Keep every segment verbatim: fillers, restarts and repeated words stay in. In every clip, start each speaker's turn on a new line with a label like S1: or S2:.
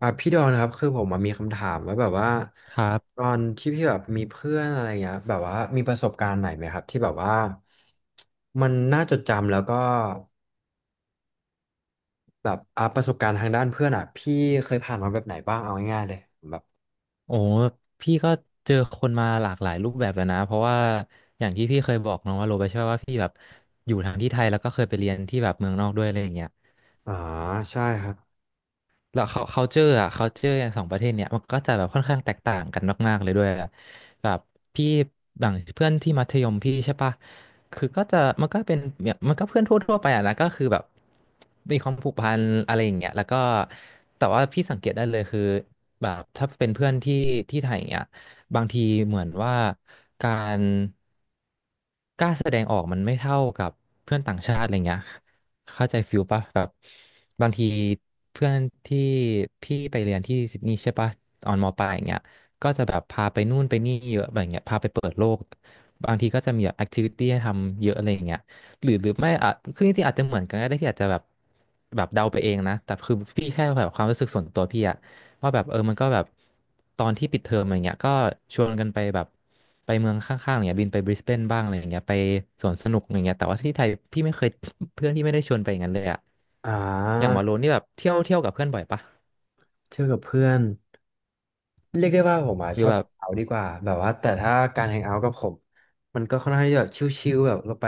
S1: อ่ะพี่ดอนครับคือผมอะมีคำถามว่าแบบว่า
S2: ครั
S1: ตอ
S2: บ
S1: นที่พี่แบบมีเพื่อนอะไรเงี้ยแบบว่ามีประสบการณ์ไหนไหมครับที่แบบว่ามันน่าจดจำแล้วก็แบบอ่ะประสบการณ์ทางด้านเพื่อนอ่ะพี่เคยผ่านมาแบบไหนบ้างเอาง่ายๆเลยแบบ
S2: โอ้พี่ก็เจอคนมาหลากหลายรูปแบบแล้วนะ เพราะว่าอย่างที่พี่เคยบอกน้องว่าโรไปใช่ไหมว่าพี่แบบอยู่ทั้งที่ไทยแล้วก็เคยไปเรียนที่แบบเมืองนอกด้วยอะไรอย่างเงี้ย
S1: อ่าใช่ครับ
S2: แล้วเขา culture อ่ะ culture อย่างสองประเทศเนี้ยมันก็จะแบบค่อนข้างแตกต่างกันมากๆเลยด้วยอะแบบพี่อย่างเพื่อนที่มัธยมพี่ใช่ปะคือก็จะมันก็เป็นเนี่ยมันก็เพื่อนทั่วๆไปอ่ะนะก็คือแบบมีความผูกพันอะไรอย่างเงี้ยแล้วก็แต่ว่าพี่สังเกตได้เลยคือแบบถ้าเป็นเพื่อนที่ที่ไทยอย่างเงี้ยบางทีเหมือนว่าการกล้าแสดงออกมันไม่เท่ากับเพื่อนต่างชาติอะไรเงี้ย เข้าใจฟิลปะแบบบางทีเพื่อนที่พี่ไปเรียนที่ซิดนีย์ใช่ปะตอนมปลายอย่างเงี้ยก็จะแบบพาไปนู่นไปนี่เยอะแบบเงี้ยพาไปเปิดโลกบางทีก็จะมีแบบแอคทิวิตี้ให้ทำเยอะอะไรอย่างเงี้ยหรือหรือไม่อ่ะคือจริงๆอาจจะเหมือนกันก็ได้พี่อาจจะแบบแบบเดาไปเองนะแต่คือพี่แค่แบบความรู้สึกส่วนตัวพี่อะ ว่าแบบเออมันก็แบบตอนที่ปิดเทอมอะไรเงี้ยก็ชวนกันไปแบบไปเมืองข้างๆอะไรเงี้ยบินไปบริสเบนบ้างอะไรอย่างเงี้ยไปสวนสนุกอะไรเงี้ยแต่ว่าที่ไทยพี่ไม่เคย เพื่อนที่ไม่ได้ชวนไปอย่างนั้นเลยอะ
S1: อ่
S2: อย่างวาโล
S1: า
S2: นี่แบบเที่ยวเที่ยวกับเพื่อนบ่อยปะ
S1: เที่ยวกับเพื่อนเรียกได้ว่าผมอ่ะ
S2: หรื
S1: ช
S2: อ
S1: อบ
S2: แบ
S1: แฮ
S2: บ
S1: งเอาท์ดีกว่าแบบว่าแต่ถ้าการแฮงเอาท์กับผมมันก็ค่อนข้างที่จะแบบชิลๆแบบเราไป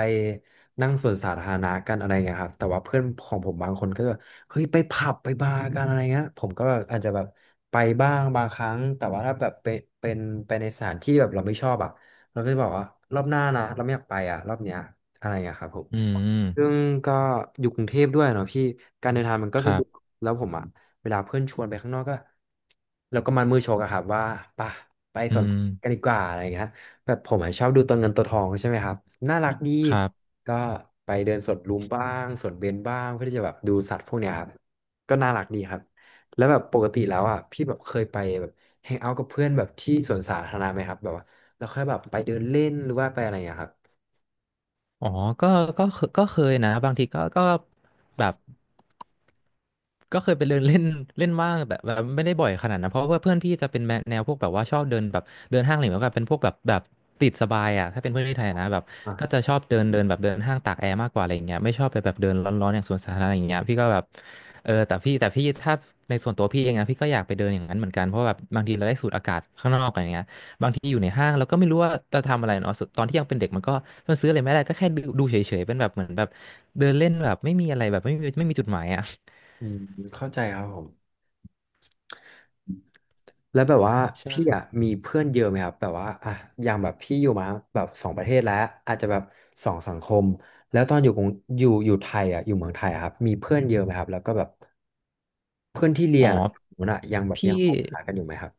S1: นั่งสวนสาธารณะกันอะไรเงี้ยครับแต่ว่าเพื่อนของผมบางคนก็จะแบบเฮ้ยไปผับไปบาร์กันอะไรเงี้ยผมก็แบบอาจจะแบบไปบ้างบางครั้งแต่ว่าถ้าแบบเป็นเป็นไปในสถานที่แบบเราไม่ชอบอ่ะเราก็จะบอกว่ารอบหน้านะเราไม่อยากไปอ่ะรอบเนี้ยอะไรเงี้ยครับผม
S2: อื
S1: ซึ่
S2: ม
S1: งก็อยู่กรุงเทพด้วยเนาะพี่การเดินทางมันก็
S2: ค
S1: สะ
S2: รั
S1: ดวก
S2: บ
S1: แล้วผมอะเวลาเพื่อนชวนไปข้างนอกก็เราก็มันมือชกอะครับว่าปะไป
S2: อื
S1: สวนสั
S2: ม
S1: ตว์กันดีกว่าอะไรอย่างเงี้ยแบบผมอะชอบดูตัวเงินตัวทองใช่ไหมครับน่ารักดี
S2: ครับ
S1: ก็ไปเดินสวนลุมบ้างสวนเบญบ้างเพื่อที่จะแบบดูสัตว์พวกเนี้ยครับก็น่ารักดีครับแล้วแบบปกติแล้วอ่ะพี่แบบเคยไปแบบแฮงเอาท์กับเพื่อนแบบที่สวนสาธารณะไหมครับแบบว่าแล้วค่อยแบบไปเดินเล่นหรือว่าไปอะไรอย่างเงี้ยครับ
S2: อ๋อก็ก็เคก็เคยนะบางทีก็ก็แบบ ก็เคยไปเดินเล่น เล่นบ้างแต่แบบไม่ได้บ่อยขนาดนั้นเพราะว่าเพื่อนพี่จะเป็นแนวแนวพวกแบบว่าชอบเดินแบบเดินห้างอะไรแบบเป็นพวกแบบแบบติดสบายอ่ะถ้าเป็นเพื่อนที่ไทยนะแบบก็จะ
S1: อ่ะ
S2: ชอบเดินเดินแบบเดินห้างตากแอร์มากกว่าอะไรอย่างเงี้ยไม่ชอบไปแบบเดินร้อนๆอย่างสวนสาธารณะอย่างเงี้ยพี่ก็แบบเออแต่พี่แต่พี่ถ้าในส่วนตัวพี่เองนะพี่ก็อยากไปเดินอย่างนั้นเหมือนกันเพราะแบบบางทีเราได้สูดอากาศข้างนอกอะไรเงี้ยบางทีอยู่ในห้างเราก็ไม่รู้ว่าจะทำอะไรเนาะตอนที่ยังเป็นเด็กมันก็มันซื้ออะไรไม่ได้ก็แค่ดูดูเฉยๆเป็นแบบเหมือนแบบเดินเล่นแบบไม่มีอะไรแบบไม่มีไม่มีจุดหมายอ่ะ
S1: อืมเข้าใจครับผม แล้วแบบว่าพี่อ่ะมีเพื่อนเยอะไหมครับแบบว่าอ่ะอย่างแบบพี่อยู่มาแบบสองประเทศแล้วอาจจะแบบสองสังคมแล้วตอนอยู่กรุงอยู่อยู่ไทยอ่ะอยู่เมืองไทยอะครับมีเพื่อนเยอะไหมครับแล้วก็แบบเพื่อนที่เรี
S2: อ๋อ
S1: ยนอ่ะผมน่ะยังแบบ
S2: พี่
S1: ยังคบหากันอยู่ไหมครับ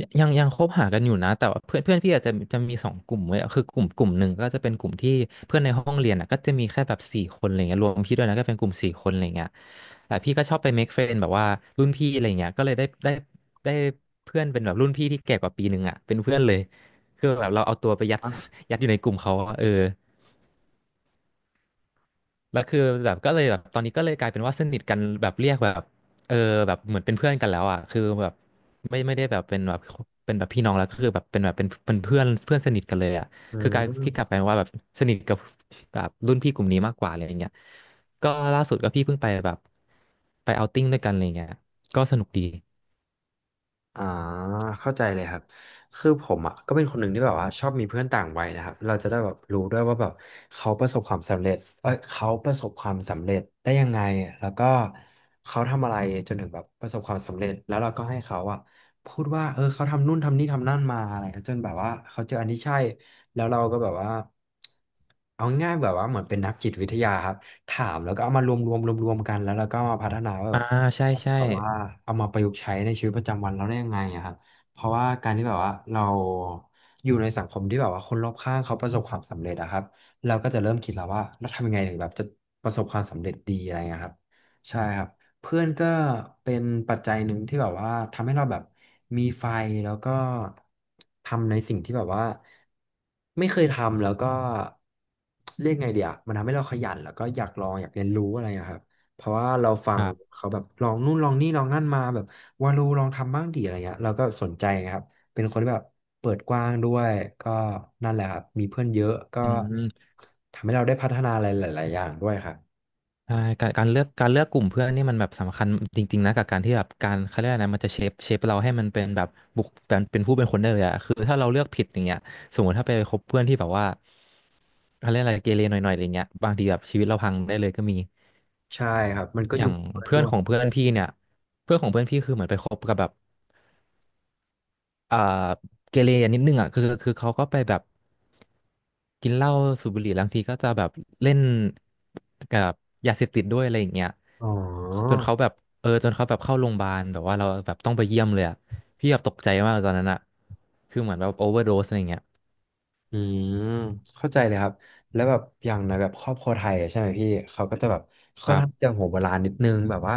S2: ยังยังคบหากันอยู่นะแต่ว่าเพื่อนเพื่อนพี่อาจจะจะมีสองกลุ่มไว้ยคือกลุ่มกลุ่มหนึ่งก็จะเป็นกลุ่มที่เพื่อนในห้องเรียนอ่ะก็จะมีแค่แบบสี่คนอะไรเงี้ยรวมพี่ด้วยนะก็เป็นกลุ่มสี่คนอะไรเงี้ยแต่พี่ก็ชอบไป make friend แบบว่ารุ่นพี่อะไรเงี้ยก็เลยได้ได้ได้เพื่อนเป็นแบบรุ่นพี่ที่แก่กว่าปีหนึ่งอ่ะเป็นเพื่อนเลยคือแบบเราเอาตัวไปยัด
S1: อ่ะ
S2: ยัดอยู่ในกลุ่มเขาอะเออ แล้วคือแบบก็เลยแบบตอนนี้ก็เลยกลายเป็นว่าสนิทกันแบบเรียกแบบเออแบบเหมือนเป็นเพื่อนกันแล้วอ่ะคือแบบไม่ไม่ได้แบบเป็นแบบเป็นแบบพี่น้องแล้วก็คือแบบเป็นแบบเป็นเป็นเพื่อนเพื่อนสนิทกันเลยอ่ะ
S1: อื
S2: คือกลายพี่กลับก
S1: ม
S2: ลายเป็นว่าแบบสนิทกับแบบรุ่นพี่กลุ่มนี้มากกว่าอะไรอย่างเงี้ยก็ล่าสุดก็พี่เพิ่งไปแบบไปเอาท์ติ้งด้วยกันอะไรเงี้ยก็สนุกดี
S1: อ่าเข้าใจเลยครับคือผมอ่ะก็เป็นคนหนึ่งที่แบบว่าชอบมีเพื่อนต่างวัยนะครับเราจะได้แบบรู้ด้วยว่าแบบเขาประสบความสำเร็จเอ้ยเขาประสบความสำเร็จได้ยังไงแล้วก็เขาทำอะไรจนถึงแบบประสบความสำเร็จแล้วเราก็ให้เขาอ่ะพูดว่าเออเขาทำนู่นทำนี่ทำนั่นมาอะไรเงี้ยจนแบบว่าเขาเจออันที่ใช่แล้วเราก็แบบว่าเอาง่ายๆแบบว่าเหมือนเป็นนักจิตวิทยาครับถามแล้วก็เอามารวมรวมรวมรวมกันแล้วเราก็มาพัฒนาว่า แ
S2: อ่าใช่ใช่
S1: บบว่าเอามาประยุกต์ใช้ในชีวิตประจำวันเราได้ยังไงอะครับเพราะว่าการที่แบบว่าเราอยู่ในสังคมที่แบบว่าคนรอบข้างเขาประสบความสำเร็จอะครับเราก็จะเริ่มคิดแล้วว่าเราทำยังไงถึงแบบจะประสบความสำเร็จดีอะไรเงี้ยครับใช่ครับเพื่อนก็เป็นปัจจัยหนึ่งที่แบบว่าทำให้เราแบบมีไฟแล้วก็ทำในสิ่งที่แบบว่าไม่เคยทำแล้วก็เรียกไงเดียวมันทำให้เราขยันแล้วก็อยากลองอยากเรียนรู้อะไรอะครับ เพราะว่าเราฟั
S2: ค
S1: ง
S2: รับ
S1: เขาแบบลองนู่นลองนี่ลองนั่นมาแบบวาโลลองทำบ้างดีอะไรเงี้ยเราก็สนใจครับเป็นคนที่แบบเปิดกว้างด้วยก็นั่นแหละครับมีเพื่อนเยอะก็
S2: อืม
S1: ทำให้เราได้พัฒนาอะไรหลายๆอย่างด้วยครับ
S2: ใช่การการเลือกการเลือกกลุ่มเพื่อนนี่มันแบบสำคัญจริงๆนะกับการที่แบบการเขาเรียกอะไรนะมันจะเชฟเชฟเราให้มันเป็นแบบบุคเป็นเป็นผู้เป็นคนได้เลยอะคือถ้าเราเลือกผิดอย่างเงี้ยสมมติถ้าไปคบเพื่อนที่แบบว่าเขาเรียกอะไรเกเรหน่อยๆอะไรเงี้ยบางทีแบบชีวิตเราพังได้เลยก็มี
S1: ใช่ครับมันก็
S2: อ
S1: อ
S2: ย่า
S1: ยู่
S2: ง
S1: กับเพื่อน
S2: เพื่อ
S1: ด้
S2: น
S1: ว
S2: ข
S1: ย
S2: องเพื่อนพี่เนี่ยเพื่อนของเพื่อนพี่คือเหมือนไปคบกับแบบ เอ่อเกเรนิดนึงอ่ะคือคือเขาก็ไปแบบกินเหล้าสูบบุหรี่บางทีก็จะแบบเล่นกับยาเสพติดด้วยอะไรอย่างเงี้ย
S1: อ๋อ
S2: จนเขาแบบเออจนเขาแบบเข้าโรงพยาบาลแบบว่าเราแบบต้องไปเยี่ยมเลยอ่ะพี่แบบตกใจมากตอนนั้นอ่ะคือเหมือนแบบโอเวอร์โดสอะไรอย่างเงี้ย
S1: อืมเข้าใจเลยครับแล้วแบบอย่างในแบบครอบครัวไทยอะใช่ไหมพี่เขาก็จะแบบ
S2: ค
S1: ค่อน
S2: รั
S1: ข้าง
S2: บ
S1: จะหัวโบราณนิดนึงแบบว่า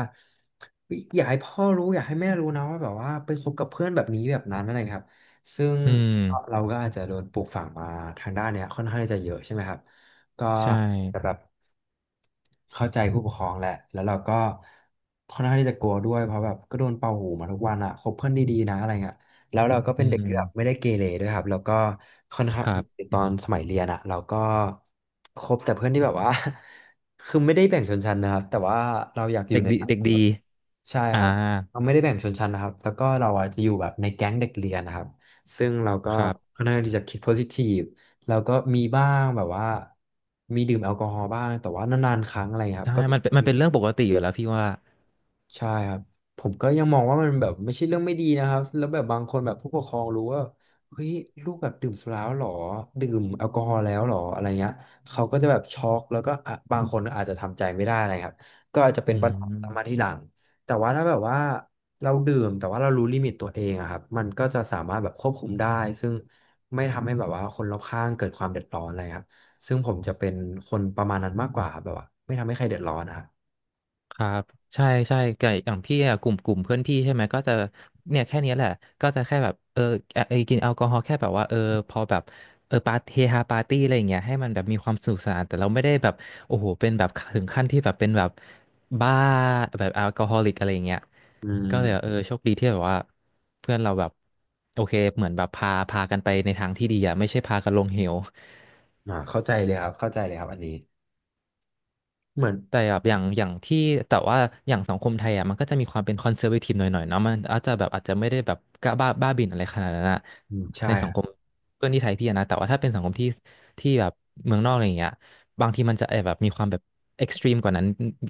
S1: อยอยากให้พ่อรู้อยากให้แม่รู้นะว่าแบบว่าไปคบกับเพื่อนแบบนี้แบบนั้นอะไรครับซึ่ง
S2: อื
S1: ก็
S2: ม
S1: เราก็อาจจะโดนปลูกฝังมาทางด้านเนี้ยค่อนข้างที่จะเยอะใช่ไหมครับก็
S2: ใช่
S1: แต่แบบเข้าใจผู้ปกครองแหละแล้วเราก็ค่อนข้างที่จะกลัวด้วยเพราะแบบก็โดนเป่าหูมาทุกวันอะคบเพื่อนดีๆนะอะไรเงี้ย แล้วเราก็
S2: อื
S1: เป็นเด็กที่แบบไม่
S2: ม
S1: ได้เกเรด้วยครับแล้วก็ค่อนข้า
S2: ค
S1: ง
S2: รับ
S1: ตอนสมัยเรียนอะเราก็คบแต่เพื่อนที่แบบว่า คือไม่ได้แบ่งชนชั้นนะครับแต่ว่าเราอยากอยู่
S2: เด็ก
S1: ใน
S2: ดี
S1: สัง
S2: เด็
S1: ค
S2: ก
S1: ม
S2: ดี
S1: แบบใช่ค
S2: อ่า
S1: รับเราไม่ได้แบ่งชนชั้นนะครับแล้วก็เราอะจะอยู่แบบในแก๊งเด็กเรียนนะครับซึ่งเราก็
S2: ครั
S1: ค่
S2: บ
S1: อนข้างที่จะคิดโพซิทีฟแล้วก็มีบ้างแบบว่ามีดื่มแอลกอฮอล์บ้างแต่ว่านานๆครั้งอะไรครั
S2: ใช่
S1: บก็
S2: มันเป็นมันเป็นเรื่องปกติอยู่แล้วพี่ว่า
S1: ใช่ครับผมก็ยังมองว่ามันแบบไม่ใช่เรื่องไม่ดีนะครับแล้วแบบบางคนแบบผู้ปกครองรู้ว่าเฮ้ยลูกแบบดื่มสุราแล้วเหรอดื่มแอลกอฮอล์แล้วเหรออะไรเงี้ยเขาก็จะแบบช็อกแล้วก็อ่ะบางคนก็อาจจะทำใจไม่ได้นะครับก็อาจจะเป็น
S2: อื
S1: ปัญหาตามมาที
S2: ม
S1: หลังแต่ว่าถ้าแบบว่าเราดื่มแต่ว่าเรารู้ลิมิตตัวเองอะครับมันก็จะสามารถแบบควบคุมได้ซึ่งไม่ทำให้แบบว่าคนรอบข้างเกิดความเดือดร้อนอะไรครับซึ่งผมจะเป็นคนประมาณนั้นมากกว่าครับแบบว่าไม่ทำให้ใครเดือดร้อนนะครับ
S2: ครับใช่ใช่ไก่อย่างพี่อะกลุ่มกลุ่มเพื่อนพี่ใช่ไหมก็จะเนี่ยแค่เนี้ยแหละก็จะแค่แบบเออเออเอยกินแอลกอฮอล์แค่แบบว่าเออพอแบบเออปาร์ตี้เฮฮาปาร์ตี้อะไรอย่างเงี้ยให้มันแบบมีความสนุกสนานแต่เราไม่ได้แบบโอ้โหเป็นแบบถึงขั้นที่แบบเป็นแบบบ้าแบบแอลกอฮอลิกอะไรอย่างเงี้ย
S1: อื
S2: ก็เลยแบบเอ
S1: ม
S2: อโชคดีที่แบบว่าเพื่อนเราแบบโอเคเหมือนแบบพาพากันไปในทางที่ดีอะไม่ใช่พากันลงเหว
S1: อ่าเข้าใจเลยครับเข้าใจเลยครับอันนี้เหมือน
S2: แต่แบบอย่างอย่างที่แต่ว่าอย่างสังคมไทยอ่ะมันก็จะมีความเป็นคอนเซอร์วทีฟหน่อยๆเนาะมันอาจจะแบบอาจจะไม่ได้แบบกล้าบ้าบ้าบิ่นอะไรขนาดนั้นอะ
S1: อืม
S2: ใน
S1: ใช่
S2: สั
S1: ค
S2: ง
S1: รั
S2: คม
S1: บ
S2: เพื่อนที่ไทยพี่อะนะแต่ว่าถ้าเป็นสังคมที่ที่แบบเมืองนอกอะไรอย่างเงี้ยบางทีมันจะแอบแบบมีความแบบเอ็กซ์ตรีมกว่านั้น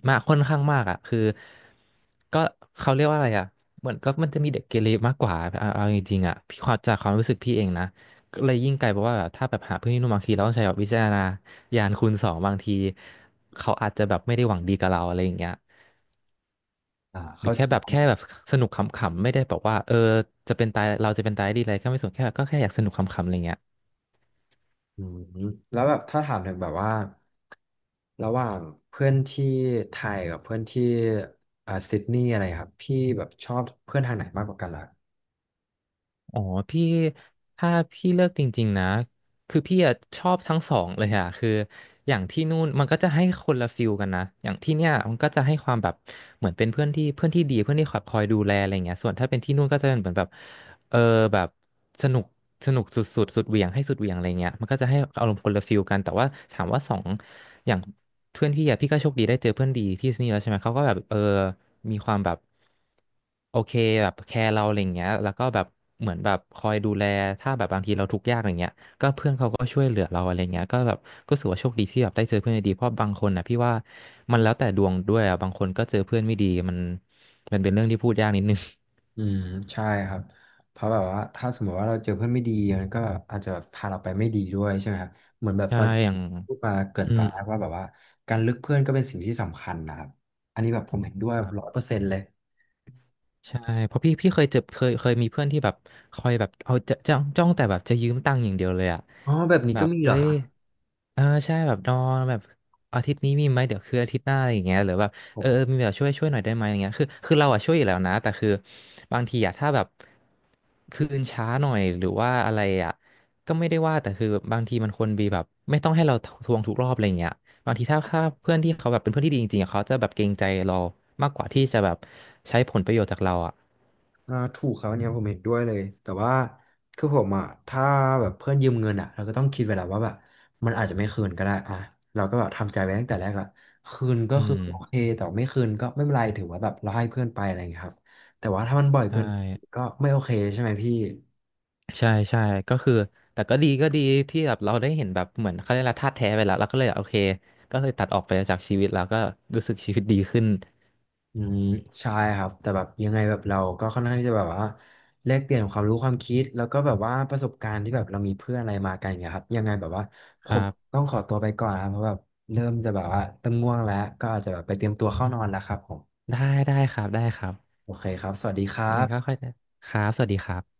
S2: มากค่อนข้างมากอ่ะคือก็เขาเรียกว่าอะไรอ่ะเหมือนก็มันจะมีเด็กเกเรมากกว่าเอาเอาจริงๆอ่ะพี่ความจากความรู้สึกพี่เองนะ ก็เลยยิ่งไกลเพราะว่าแบบถ้าแบบหาเพื่อนที่ร่วมบางทีเราต้องใช้แบบวิจารณญาณคูณสองบางทีเขาอาจจะแบบไม่ได้หวังดีกับเราอะไรอย่างเงี้ย
S1: อ่า
S2: หรือ
S1: เข้าใจ
S2: แค่แบบ
S1: ครั
S2: แค่แบ
S1: บ
S2: บสนุกขำๆไม่ได้แบบว่าเออจะเป็นตายเราจะเป็นตายดีอะไรก็ไม่สนแค่แบบก็แค่อยากสนุกขำๆอะไรเงี้ย
S1: อืมแล้วแบบถ้าถามถึงแบบว่าระหว่างเพื่อนที่ไทยกับเพื่อนที่อ่าซิดนีย์อะไรครับพี่แบบชอบเพื่อนทางไหนมากกว่ากันล่ะ
S2: อ๋อพี่ถ้าพี่เลิกจริงๆนะ คือพี่อะชอบทั้งสองเลยอะคืออย่างที่นู่นมันก็จะให้คนละฟิลกันนะอย่างที่เนี่ยมันก็จะให้ความแบบเหมือนเป็นเพื่อนที่เพื่อนที่ดีเพื่อนที่คอยคอยดูแลอะไรเงี้ยส่วนถ้าเป็นที่นู่นก็จะเป็นเหมือนแบบเออแบบสนุกสนุกสุดสุดสุดเหวี่ยงให้สุดเหวี่ยงอะไรเงี้ยมันก็จะให้อารมณ์คนละฟิลกันแต่ว่าถามว่าสองอย่างเพื่อนพี่อะพี่ก็โชคดีได้เจอเพื่อนดีที่นี่แล้วใช่ไหมเขาก็แบบเออมีความแบบโอเคแบบแคร์เราอะไรเงี้ยแล้วก็แบบเหมือนแบบคอยดูแลถ้าแบบบางทีเราทุกข์ยากอะไรเงี้ย ก็เพื่อนเขาก็ช่วยเหลือเราอะไรเงี้ยก็แบบก็รูสว่าโชคดีที่แบบได้เจอเพื่อนดีๆเพราะบางคนนะพี่ว่ามันแล้วแต่ดวงด้วยอะบางคนก็เจอเพื่อนไม่ดีมันมันเป็นเรื่องที่พูดยากนิดนึง
S1: อืมใช่ครับเพราะแบบว่าถ้าสมมติว่าเราเจอเพื่อนไม่ดีมันก็อาจจะพาเราไปไม่ดีด้วยใช่ไหมครับเหมือนแบบ
S2: ใช่
S1: ตอนที่
S2: อย่าง
S1: พูดมาเกริ่น
S2: อื
S1: ตอ
S2: ม
S1: นแรกว่าแบบว่าการเลือกเพื่อนก็เป็นสิ่งที่สำคัญนะครับอันนี้แบบผมเห็นด้วยร้อยเปอร์เซ็นต์เลย
S2: ใช่เพราะพี่พี่เคยเจอเคยเคยมีเพื่อนที่แบบคอยแบบเอาจะจ้องจ้องแต่แบบจะยืมตังค์อย่างเดียวเลยอะ
S1: อ๋อแบบนี้
S2: แบ
S1: ก็
S2: บ
S1: มีเหร
S2: เอ้
S1: อค
S2: ย
S1: รับ
S2: เออใช่แบบนอนแบบอาทิตย์นี้มีไหมเดี๋ยวคืออาทิตย์หน้าอะไรอย่างเงี้ยหรือแบบเอ
S1: โอ้
S2: อเออมีแบบช่วยช่วยหน่อยได้ไหมอย่างเงี้ยคือคือเราอะช่วยอยู่แล้วนะแต่คือบางทีอะถ้าแบบคืนช้าหน่อยหรือว่าอะไรอะก็ไม่ได้ว่าแต่คือบางทีมันควรมีแบบไม่ต้องให้เราทวงทุกรอบอะไรอย่างเงี้ย บางทีถ้าถ้าเพื่อนที่เขาแบบเป็นเพื่อนที่ดีจริงๆอะเขาจะแบบเกรงใจเรามากกว่าที่จะแบบใช้ผลประโยชน์จากเราอ่ะ
S1: อ่าถูกครับอันเนี้ยผมเห็นด้วยเลย แต่ว่าคือผมอ่ะถ้าแบบเพื่อนยืมเงินอ่ะเราก็ต้องคิดไว้แล้วว่าแบบมันอาจจะไม่คืนก็ได้อ่ะเราก็แบบทำใจไว้ตั้งแต่แรกละคืนก็
S2: อื
S1: คือ
S2: ม
S1: โอเคแต่ไม่คืนก็ไม่เป็นไรถือว่าแบบเราให้เพื่อนไปอะไรอย่างเงี้ยครับแต่ว่าถ้ามันบ่อย
S2: ใช่
S1: เกินก็ไม่โอเคใช่ไหมพี่
S2: ใช่ใช่ก็คือแต่ก็ดีก็ดีที่แบบเราได้เห็นแบบเหมือนเขาเรียกอะไรธาตุแท้ไปแล้วเราก็เลยโอเคก็เลยตัดออกไปจากชีวิตแล้วก็รู้สึกชีวิตดีขึ้น
S1: อืมใช่ครับแต่แบบยังไงแบบเราก็ค่อนข้างที่จะแบบว่าแลกเปลี่ยนความรู้ความคิดแล้วก็แบบว่าประสบการณ์ที่แบบเรามีเพื่อนอะไรมากันอย่างเงี้ยครับยังไงแบบว่าผ
S2: ครั
S1: ม
S2: บ
S1: ต้องขอตัวไปก่อนนะครับเพราะแบบเริ่มจะแบบว่าเริ่มง่วงแล้วก็อาจจะแบบไปเตรียมตัวเข้านอนแล้วครับผม
S2: ได้ได้ครับได้ครับ
S1: โอเคครับสวัสดีครั
S2: ยังไงก็
S1: บ
S2: ค่อยครับสวัสดีครับ